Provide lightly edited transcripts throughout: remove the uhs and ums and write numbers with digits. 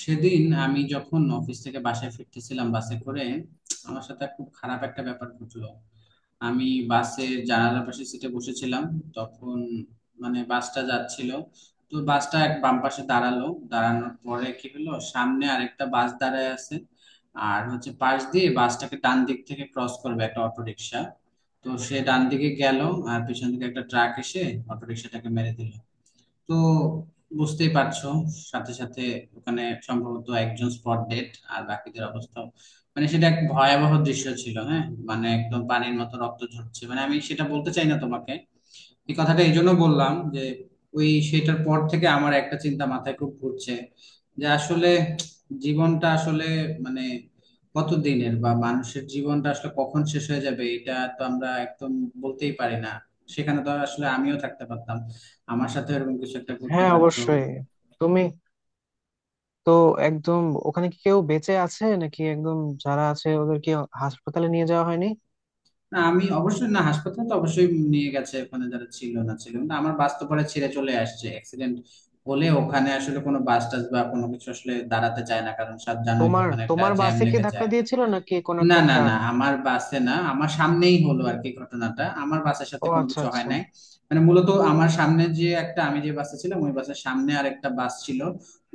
সেদিন আমি যখন অফিস থেকে বাসায় ফিরতেছিলাম বাসে করে আমার সাথে খুব খারাপ একটা ব্যাপার ঘটলো। আমি বাসের জানালার পাশে সিটে বসেছিলাম। তখন বাসটা যাচ্ছিল। তো বাসটা এক বাম পাশে দাঁড়ালো। দাঁড়ানোর পরে কি হলো, সামনে আরেকটা বাস দাঁড়ায় আছে। আর হচ্ছে পাশ দিয়ে বাসটাকে ডান দিক থেকে ক্রস করবে একটা অটো রিক্সা। তো সে ডান দিকে গেল। আর পিছন থেকে একটা ট্রাক এসে অটো রিক্সাটাকে মেরে দিল। তো বুঝতেই পারছো, সাথে সাথে ওখানে সম্ভবত একজন স্পট ডেড আর বাকিদের অবস্থা, সেটা এক ভয়াবহ দৃশ্য ছিল, হ্যাঁ। একদম পানির মতো রক্ত ঝরছে, আমি সেটা বলতে চাই না তোমাকে। এই কথাটা এই জন্য বললাম যে ওই সেটার পর থেকে আমার একটা চিন্তা মাথায় খুব ঘুরছে, যে আসলে জীবনটা আসলে মানে কতদিনের, বা মানুষের জীবনটা আসলে কখন শেষ হয়ে যাবে এটা তো আমরা একদম বলতেই পারি না। সেখানে তো আসলে আমিও থাকতে পারতাম, আমার সাথে এরকম কিছু একটা করতে হ্যাঁ, পারতো। অবশ্যই। তুমি তো একদম... ওখানে কি কেউ বেঁচে আছে নাকি? একদম যারা আছে ওদেরকে হাসপাতালে নিয়ে যাওয়া হয়নি? না, আমি অবশ্যই না। হাসপাতালে তো অবশ্যই নিয়ে গেছে, ওখানে যারা ছিল না ছিল, কিন্তু আমার বাস তো পরে ছেড়ে চলে আসছে। অ্যাক্সিডেন্ট হলে ওখানে আসলে কোনো বাস টাস বা কোনো কিছু আসলে দাঁড়াতে চায় না, কারণ সব জানোই তো, তোমার ওখানে একটা তোমার জ্যাম বাসে কি লেগে ধাক্কা যায়। দিয়েছিল নাকি, কোন না একটা না না, ট্রাক? আমার বাসে না, আমার সামনেই হলো আর কি ঘটনাটা, আমার বাসের সাথে ও, কোনো আচ্ছা কিছু হয় আচ্ছা। নাই। মূলত আমার সামনে যে একটা, আমি যে বাসে ছিলাম ওই বাসের সামনে আরেকটা বাস ছিল।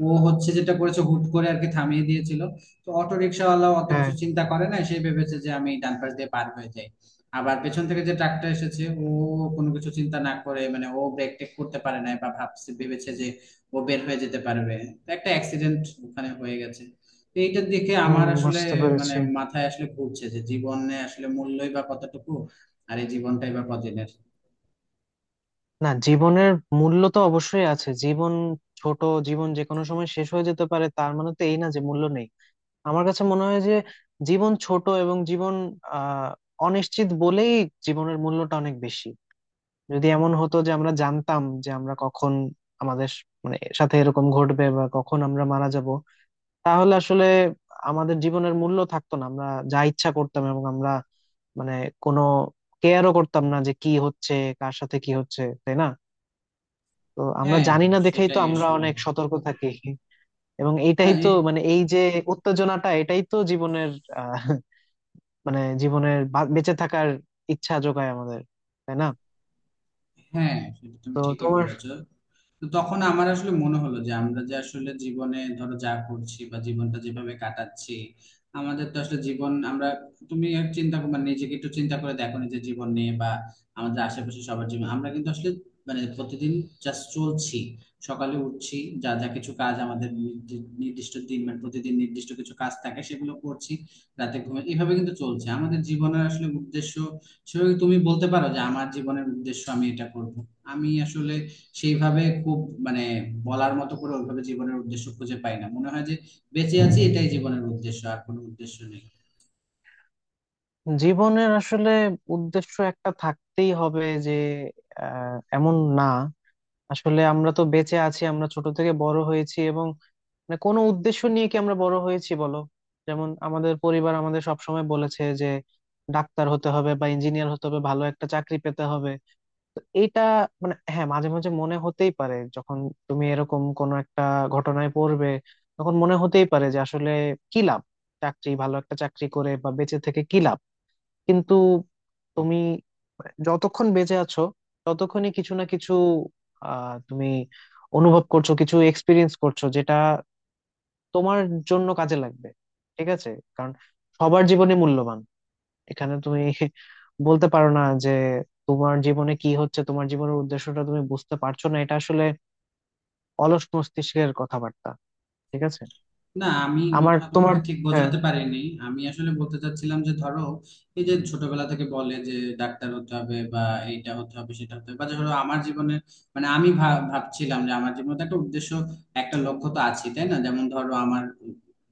ও হচ্ছে যেটা করেছে হুট করে আর কি থামিয়ে দিয়েছিল। তো অটো রিক্সাওয়ালা অত হ্যাঁ। কিছু চিন্তা করে না, সে ভেবেছে যে আমি ডান পাশ দিয়ে পার হয়ে যাই। আবার পেছন থেকে যে ট্রাকটা এসেছে, ও কোনো কিছু চিন্তা না করে ও ব্রেক টেক করতে পারে নাই, বা ভেবেছে যে ও বের হয়ে যেতে পারবে। তো একটা অ্যাক্সিডেন্ট ওখানে হয়ে গেছে। তো এইটা দেখে হুম, আমার আসলে বুঝতে পেরেছি। মাথায় আসলে ঘুরছে যে জীবনে আসলে মূল্যই বা কতটুকু, আর এই জীবনটাই বা কদিনের। না, জীবনের মূল্য তো অবশ্যই আছে। জীবন ছোট। জীবন যে কোনো সময় শেষ হয়ে যেতে পারে, তার মানে তো এই না যে মূল্য নেই। আমার কাছে মনে হয় যে জীবন ছোট এবং জীবন আহ অনিশ্চিত বলেই জীবনের মূল্যটা অনেক বেশি। যদি এমন হতো যে আমরা জানতাম যে আমরা কখন আমাদের মানে সাথে এরকম ঘটবে বা কখন আমরা মারা যাব, তাহলে আসলে আমাদের জীবনের মূল্য থাকতো না, আমরা যা ইচ্ছা করতাম এবং আমরা, মানে, কোনো কেয়ারও করতাম না যে কি হচ্ছে, কার সাথে কি হচ্ছে, তাই না? তো আমরা হ্যাঁ, জানি না দেখেই তো সেটাই আমরা আসলে। অনেক সতর্ক থাকি। এবং এইটাই না। তো মানে, এই যে উত্তেজনাটা, এটাই তো জীবনের আহ মানে জীবনের বেঁচে থাকার ইচ্ছা যোগায় আমাদের, তাই না? হ্যাঁ, সেটা তুমি তো ঠিকই তোমার বলেছো। তো তখন আমার আসলে মনে হলো যে আমরা যে আসলে জীবনে ধরো যা করছি বা জীবনটা যেভাবে কাটাচ্ছি, আমাদের তো আসলে জীবন আমরা, তুমি আর নিজেকে একটু চিন্তা করে দেখো নিজের জীবন নিয়ে, বা আমাদের আশেপাশে সবার জীবন। আমরা কিন্তু আসলে প্রতিদিন জাস্ট চলছি, সকালে উঠছি, যা যা কিছু কাজ আমাদের নির্দিষ্ট দিন প্রতিদিন নির্দিষ্ট কিছু কাজ থাকে সেগুলো করছি, রাতে ঘুমে, এভাবে কিন্তু চলছে আমাদের জীবনের আসলে উদ্দেশ্য। সেভাবে তুমি বলতে পারো যে আমার জীবনের উদ্দেশ্য আমি এটা করব। আমি আসলে সেইভাবে খুব মানে বলার মতো করে ওইভাবে জীবনের উদ্দেশ্য খুঁজে পাই না, মনে হয় যে বেঁচে আছি এটাই জীবনের উদ্দেশ্য, আর কোনো উদ্দেশ্য নেই। জীবনের আসলে উদ্দেশ্য একটা থাকতেই হবে যে, এমন না। আসলে আমরা তো বেঁচে আছি, আমরা ছোট থেকে বড় হয়েছি এবং মানে কোনো উদ্দেশ্য নিয়ে কি আমরা বড় হয়েছি বলো? যেমন আমাদের পরিবার আমাদের সবসময় বলেছে যে ডাক্তার হতে হবে বা ইঞ্জিনিয়ার হতে হবে, ভালো একটা চাকরি পেতে হবে। তো এইটা মানে হ্যাঁ, মাঝে মাঝে মনে হতেই পারে যখন তুমি এরকম কোনো একটা ঘটনায় পড়বে, তখন মনে হতেই পারে যে আসলে কি লাভ চাকরি, ভালো একটা চাকরি করে বা বেঁচে থেকে কি লাভ। কিন্তু তুমি যতক্ষণ বেঁচে আছো ততক্ষণই কিছু না কিছু তুমি অনুভব করছো, কিছু এক্সপিরিয়েন্স করছো, যেটা তোমার জন্য কাজে লাগবে, ঠিক আছে? কারণ সবার জীবনে মূল্যবান। এখানে তুমি বলতে পারো না যে তোমার জীবনে কি হচ্ছে, তোমার জীবনের উদ্দেশ্যটা তুমি বুঝতে পারছো না, এটা আসলে অলস মস্তিষ্কের কথাবার্তা, ঠিক আছে? না, আমি মনে আমার হয় তোমার, তোমাকে ঠিক হ্যাঁ। বোঝাতে পারিনি। আমি আসলে বলতে চাচ্ছিলাম যে ধরো এই যে ছোটবেলা থেকে বলে যে ডাক্তার হতে হবে বা এইটা হতে হবে সেটা হতে হবে, বা ধরো আমার জীবনে আমি ভাবছিলাম যে আমার জীবনে তো একটা উদ্দেশ্য, একটা লক্ষ্য তো আছে, তাই না? যেমন ধরো আমার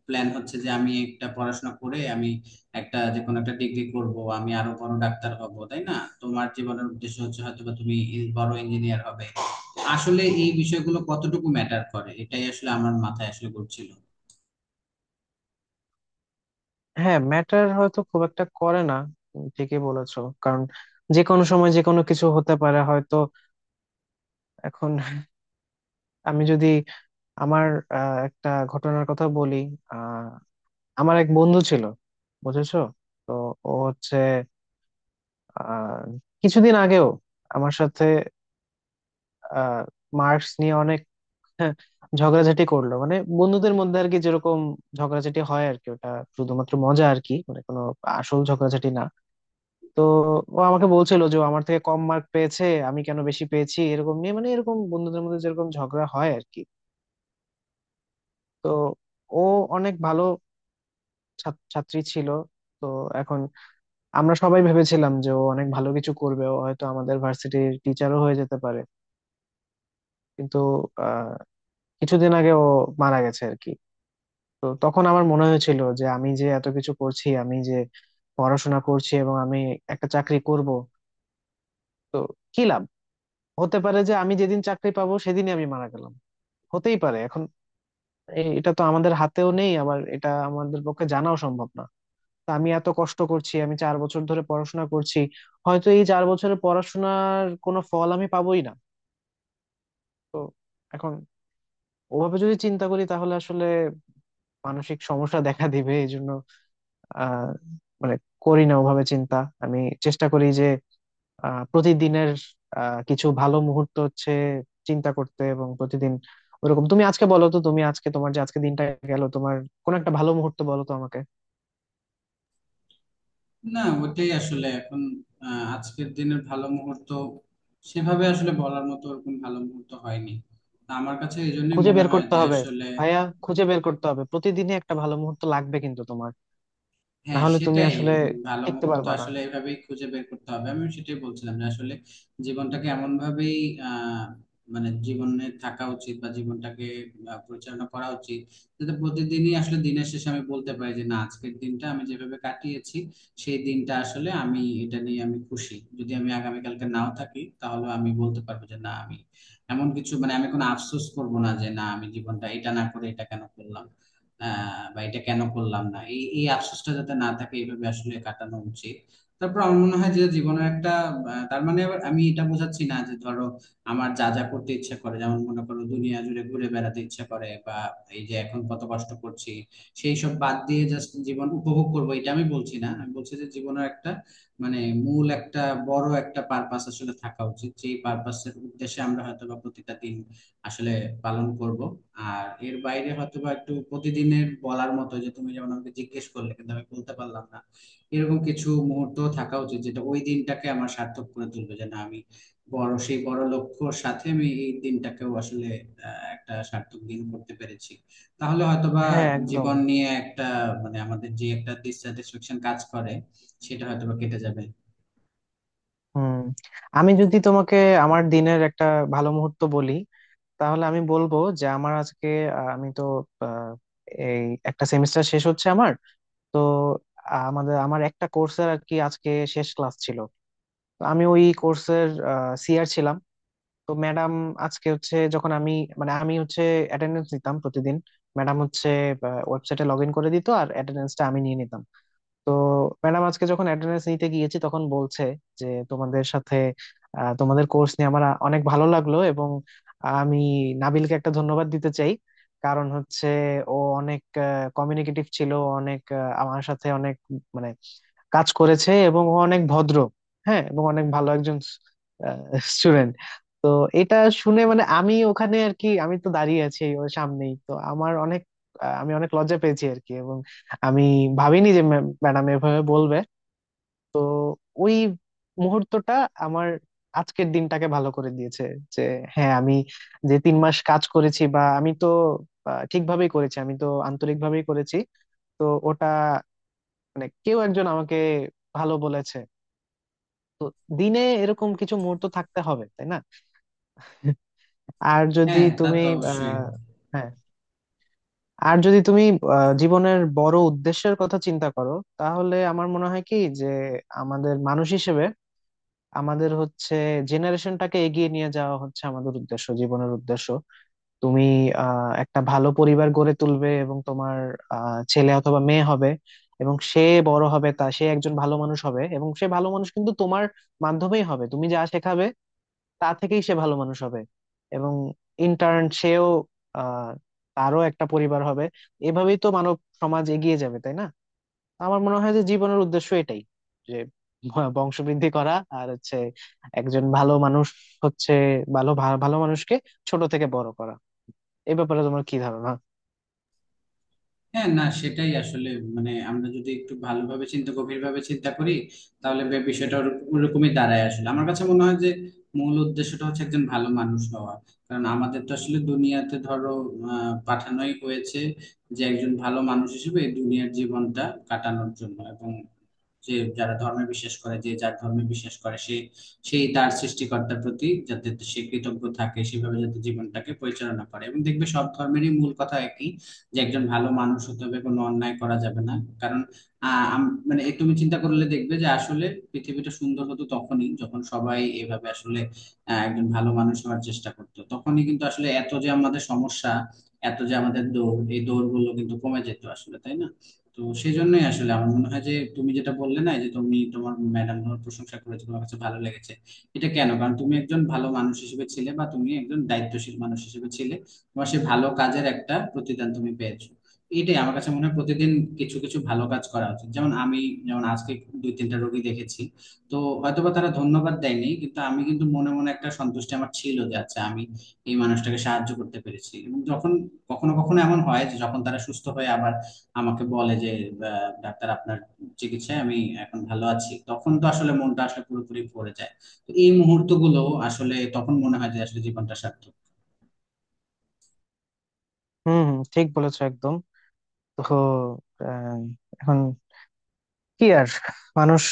প্ল্যান হচ্ছে যে আমি একটা পড়াশোনা করে আমি একটা যে কোনো একটা ডিগ্রি করব, আমি আরো বড় ডাক্তার হব, তাই না? তোমার জীবনের উদ্দেশ্য হচ্ছে হয়তো বা তুমি বড় ইঞ্জিনিয়ার হবে। আসলে এই বিষয়গুলো কতটুকু ম্যাটার করে, এটাই আসলে আমার মাথায় আসলে ঘুরছিল। হ্যাঁ, ম্যাটার হয়তো খুব একটা করে না। তুমি ঠিকই বলেছো, কারণ যে কোনো সময় যে কোনো কিছু হতে পারে। হয়তো এখন আমি যদি আমার একটা ঘটনার কথা বলি। আহ, আমার এক বন্ধু ছিল, বুঝেছো? তো ও হচ্ছে আহ, কিছুদিন আগেও আমার সাথে মার্কস নিয়ে অনেক হ্যাঁ, ঝগড়াঝাটি করলো, মানে বন্ধুদের মধ্যে আর কি যেরকম ঝগড়াঝাটি হয় আর কি, ওটা শুধুমাত্র মজা আর কি, মানে কোনো আসল ঝগড়াঝাটি না। তো ও আমাকে বলছিল যে ও আমার থেকে কম মার্ক পেয়েছে, আমি কেন বেশি পেয়েছি এরকম নিয়ে, মানে এরকম বন্ধুদের মধ্যে যেরকম ঝগড়া হয় আর কি। তো ও অনেক ভালো ছাত্রী ছিল। তো এখন আমরা সবাই ভেবেছিলাম যে ও অনেক ভালো কিছু করবে, ও হয়তো আমাদের ভার্সিটির টিচারও হয়ে যেতে পারে। কিন্তু আহ কিছুদিন আগে ও মারা গেছে আর কি। তো তখন আমার মনে হয়েছিল যে আমি যে এত কিছু করছি, আমি যে পড়াশোনা করছি এবং আমি একটা চাকরি করব, তো কি লাভ? হতে পারে যে আমি যেদিন চাকরি পাবো, সেদিনই আমি মারা গেলাম, হতেই পারে। এখন এটা তো আমাদের হাতেও নেই, আবার এটা আমাদের পক্ষে জানাও সম্ভব না। তা আমি এত কষ্ট করছি, আমি 4 বছর ধরে পড়াশোনা করছি, হয়তো এই 4 বছরের পড়াশোনার কোনো ফল আমি পাবোই না। তো এখন ওভাবে যদি চিন্তা করি, তাহলে আসলে মানসিক সমস্যা দেখা দিবে। এই জন্য আহ মানে করি না ওভাবে চিন্তা। আমি চেষ্টা করি যে প্রতিদিনের কিছু ভালো মুহূর্ত হচ্ছে চিন্তা করতে এবং প্রতিদিন ওরকম, তুমি আজকে বলো তো, তুমি আজকে তোমার যে আজকে দিনটা গেল, তোমার কোন একটা ভালো মুহূর্ত বলো তো আমাকে। না, ওটাই আসলে এখন, আজকের দিনের ভালো মুহূর্ত সেভাবে আসলে বলার মতো ওরকম ভালো মুহূর্ত হয়নি। তা আমার কাছে এই জন্যই খুঁজে মনে বের হয় করতে যে হবে আসলে, ভাইয়া, খুঁজে বের করতে হবে, প্রতিদিনই একটা ভালো মুহূর্ত লাগবে কিন্তু তোমার, না হ্যাঁ, হলে তুমি সেটাই। আসলে ভালো টিকতে মুহূর্ত পারবে না। আসলে এভাবেই খুঁজে বের করতে হবে, আমি সেটাই বলছিলাম যে আসলে জীবনটাকে এমন ভাবেই, আহ জীবনে থাকা উচিত, বা জীবনটাকে পরিচালনা করা উচিত, যাতে প্রতিদিনই আসলে দিনের শেষে আমি বলতে পারি যে না আজকের দিনটা আমি যেভাবে কাটিয়েছি সেই দিনটা আসলে আমি এটা নিয়ে আমি খুশি। যদি আমি আগামীকালকে নাও থাকি, তাহলে আমি বলতে পারবো যে না আমি এমন কিছু, আমি কোনো আফসোস করবো না যে না আমি জীবনটা এটা না করে এটা কেন করলাম, বা এটা কেন করলাম না, এই এই আফসোসটা যাতে না থাকে, এইভাবে আসলে কাটানো উচিত। তারপর আমার মনে হয় যে জীবনের একটা, তার মানে আবার আমি এটা বোঝাচ্ছি না যে ধরো আমার যা যা করতে ইচ্ছা করে, যেমন মনে করো দুনিয়া জুড়ে ঘুরে বেড়াতে ইচ্ছা করে বা এই যে এখন কত কষ্ট করছি সেই সব বাদ দিয়ে জাস্ট জীবন উপভোগ করবো, এটা আমি বলছি না। আমি বলছি যে জীবনের একটা, মানে মূল একটা বড় একটা পারপাস আসলে থাকা উচিত, যে পারপাসের উদ্দেশ্যে আমরা হয়তো বা প্রতিটা দিন আসলে পালন করব। আর এর বাইরে হয়তো বা একটু প্রতিদিনের বলার মতো, যে তুমি যেমন আমাকে জিজ্ঞেস করলে কিন্তু আমি বলতে পারলাম না, এরকম কিছু মুহূর্ত থাকা উচিত, যেটা ওই দিনটাকে আমার সার্থক করে তুলবে, যে না আমি সেই বড় লক্ষ্যর সাথে আমি এই দিনটাকেও আসলে একটা সার্থক দিন করতে পেরেছি। তাহলে হয়তোবা হ্যাঁ, একদম। জীবন নিয়ে একটা, আমাদের যে একটা ডিসস্যাটিসফ্যাকশন কাজ করে, সেটা হয়তোবা কেটে যাবে। হুম, আমি যদি তোমাকে আমার দিনের একটা ভালো মুহূর্ত বলি, তাহলে আমি বলবো যে আমার আজকে আমি তো আহ, এই একটা সেমিস্টার শেষ হচ্ছে আমার। তো আমাদের আমার একটা কোর্সের আর কি আজকে শেষ ক্লাস ছিল। তো আমি ওই কোর্সের CR ছিলাম। তো ম্যাডাম আজকে হচ্ছে, যখন আমি, মানে আমি হচ্ছে অ্যাটেন্ডেন্স নিতাম প্রতিদিন, ম্যাডাম হচ্ছে ওয়েবসাইটে লগ ইন করে দিত আর অ্যাটেন্ডেন্সটা আমি নিয়ে নিতাম। তো ম্যাডাম আজকে যখন অ্যাটেন্ডেন্স নিতে গিয়েছি তখন বলছে যে তোমাদের সাথে, তোমাদের কোর্স নিয়ে আমার অনেক ভালো লাগলো এবং আমি নাবিলকে একটা ধন্যবাদ দিতে চাই, কারণ হচ্ছে ও অনেক কমিউনিকেটিভ ছিল, অনেক আমার সাথে অনেক মানে কাজ করেছে এবং ও অনেক ভদ্র, হ্যাঁ, এবং অনেক ভালো একজন স্টুডেন্ট। তো এটা শুনে, মানে আমি ওখানে আর কি, আমি তো দাঁড়িয়ে আছি ওর সামনেই, তো আমার অনেক আমি অনেক লজ্জা পেয়েছি আর কি, এবং আমি ভাবিনি যে ম্যাডাম এভাবে বলবে। তো ওই মুহূর্তটা আমার আজকের দিনটাকে ভালো করে দিয়েছে, যে হ্যাঁ, আমি যে 3 মাস কাজ করেছি বা আমি তো ঠিকভাবেই করেছি, আমি তো আন্তরিকভাবেই করেছি। তো ওটা মানে কেউ একজন আমাকে ভালো বলেছে। তো দিনে এরকম কিছু মুহূর্ত থাকতে হবে, তাই না? আর যদি হ্যাঁ, তা তুমি তো অবশ্যই। আহ হ্যাঁ, আর যদি তুমি জীবনের বড় উদ্দেশ্যের কথা চিন্তা করো, তাহলে আমার মনে হয় কি যে আমাদের মানুষ হিসেবে আমাদের হচ্ছে জেনারেশনটাকে এগিয়ে নিয়ে যাওয়া হচ্ছে আমাদের উদ্দেশ্য, জীবনের উদ্দেশ্য। তুমি একটা ভালো পরিবার গড়ে তুলবে এবং তোমার ছেলে অথবা মেয়ে হবে, এবং সে বড় হবে, তা সে একজন ভালো মানুষ হবে, এবং সে ভালো মানুষ কিন্তু তোমার মাধ্যমেই হবে, তুমি যা শেখাবে তা থেকেই সে ভালো মানুষ হবে। এবং ইন্টার্ন সেও, আহ তারও একটা পরিবার হবে। এভাবেই তো মানব সমাজ এগিয়ে যাবে, তাই না? আমার মনে হয় যে জীবনের উদ্দেশ্য এটাই, যে বংশবৃদ্ধি করা, আর হচ্ছে একজন ভালো মানুষ হচ্ছে, ভালো ভালো মানুষকে ছোট থেকে বড় করা। এই ব্যাপারে তোমার কি ধারণা? হ্যাঁ, না সেটাই আসলে, আমরা যদি একটু ভালোভাবে চিন্তা গভীরভাবে চিন্তা করি, তাহলে বিষয়টা ওরকমই দাঁড়ায়। আসলে আমার কাছে মনে হয় যে মূল উদ্দেশ্যটা হচ্ছে একজন ভালো মানুষ হওয়া। কারণ আমাদের তো আসলে দুনিয়াতে ধরো পাঠানোই হয়েছে, যে একজন ভালো মানুষ হিসেবে এই দুনিয়ার জীবনটা কাটানোর জন্য। এবং যে যারা ধর্মে বিশ্বাস করে, যে যার ধর্মে বিশ্বাস করে সে সেই তার সৃষ্টিকর্তার প্রতি যাতে সে কৃতজ্ঞ থাকে, সেভাবে যাতে জীবনটাকে পরিচালনা করে। এবং দেখবে সব ধর্মেরই মূল কথা একই, যে একজন ভালো মানুষ হতে হবে, কোনো অন্যায় করা যাবে না। কারণ এ তুমি চিন্তা করলে দেখবে যে আসলে পৃথিবীটা সুন্দর হতো তখনই যখন সবাই এভাবে আসলে একজন ভালো মানুষ হওয়ার চেষ্টা করতো। তখনই কিন্তু আসলে এত যে আমাদের সমস্যা, এত যে আমাদের দৌড়, এই দৌড় গুলো কিন্তু কমে যেত আসলে, তাই না? তো সেই জন্যই আসলে আমার মনে হয় যে, তুমি যেটা বললে না, এই যে তুমি তোমার ম্যাডাম তোমার প্রশংসা করেছে তোমার কাছে ভালো লেগেছে, এটা কেন? কারণ তুমি একজন ভালো মানুষ হিসেবে ছিলে, বা তুমি একজন দায়িত্বশীল মানুষ হিসেবে ছিলে, তোমার সেই ভালো কাজের একটা প্রতিদান তুমি পেয়েছো। এটাই আমার কাছে মনে হয়, প্রতিদিন কিছু কিছু ভালো কাজ করা উচিত। যেমন আমি, যেমন আজকে দুই তিনটা রোগী দেখেছি, তো হয়তোবা তারা ধন্যবাদ দেয়নি, কিন্তু আমি কিন্তু মনে মনে একটা সন্তুষ্টি আমার ছিল যে আচ্ছা আমি এই মানুষটাকে সাহায্য করতে পেরেছি। এবং যখন কখনো কখনো এমন হয় যে যখন তারা সুস্থ হয়ে আবার আমাকে বলে যে, ডাক্তার আপনার চিকিৎসায় আমি এখন ভালো আছি, তখন তো আসলে মনটা আসলে পুরোপুরি ভরে যায়। তো এই মুহূর্তগুলো আসলে, তখন মনে হয় যে আসলে জীবনটা সার্থক। হম, হম, ঠিক বলেছো একদম। তো আহ, এখন কি আর, মানুষ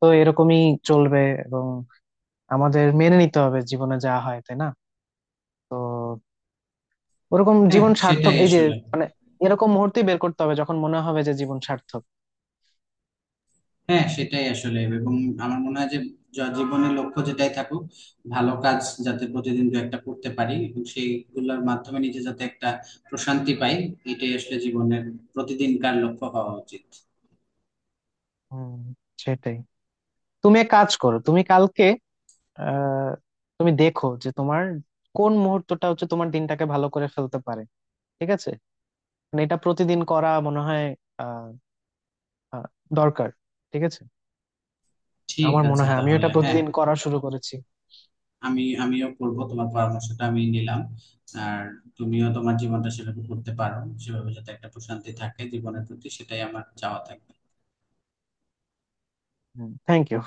তো এরকমই চলবে এবং আমাদের মেনে নিতে হবে জীবনে যা হয়, তাই না? তো ওরকম হ্যাঁ, জীবন সার্থক, সেটাই এই যে আসলে। মানে এরকম মুহূর্তে বের করতে হবে যখন মনে হবে যে জীবন সার্থক। হ্যাঁ, সেটাই আসলে, এবং আমার মনে হয় যে জীবনের লক্ষ্য যেটাই থাকুক, ভালো কাজ যাতে প্রতিদিন দু একটা করতে পারি, এবং সেইগুলোর মাধ্যমে নিজে যাতে একটা প্রশান্তি পাই, এটাই আসলে জীবনের প্রতিদিনকার লক্ষ্য হওয়া উচিত। হম, সেটাই। তুমি এক কাজ করো, তুমি কালকে আহ তুমি দেখো যে তোমার কোন মুহূর্তটা হচ্ছে তোমার দিনটাকে ভালো করে ফেলতে পারে, ঠিক আছে? মানে এটা প্রতিদিন করা মনে হয় আহ আহ, দরকার, ঠিক আছে? ঠিক আমার মনে আছে, হয় আমিও এটা তাহলে হ্যাঁ, প্রতিদিন করা শুরু করেছি। আমিও করবো, তোমার পরামর্শটা আমি নিলাম। আর তুমিও তোমার জীবনটা সেভাবে করতে পারো, সেভাবে যাতে একটা প্রশান্তি থাকে জীবনের প্রতি, সেটাই আমার চাওয়া থাকে। Thank you.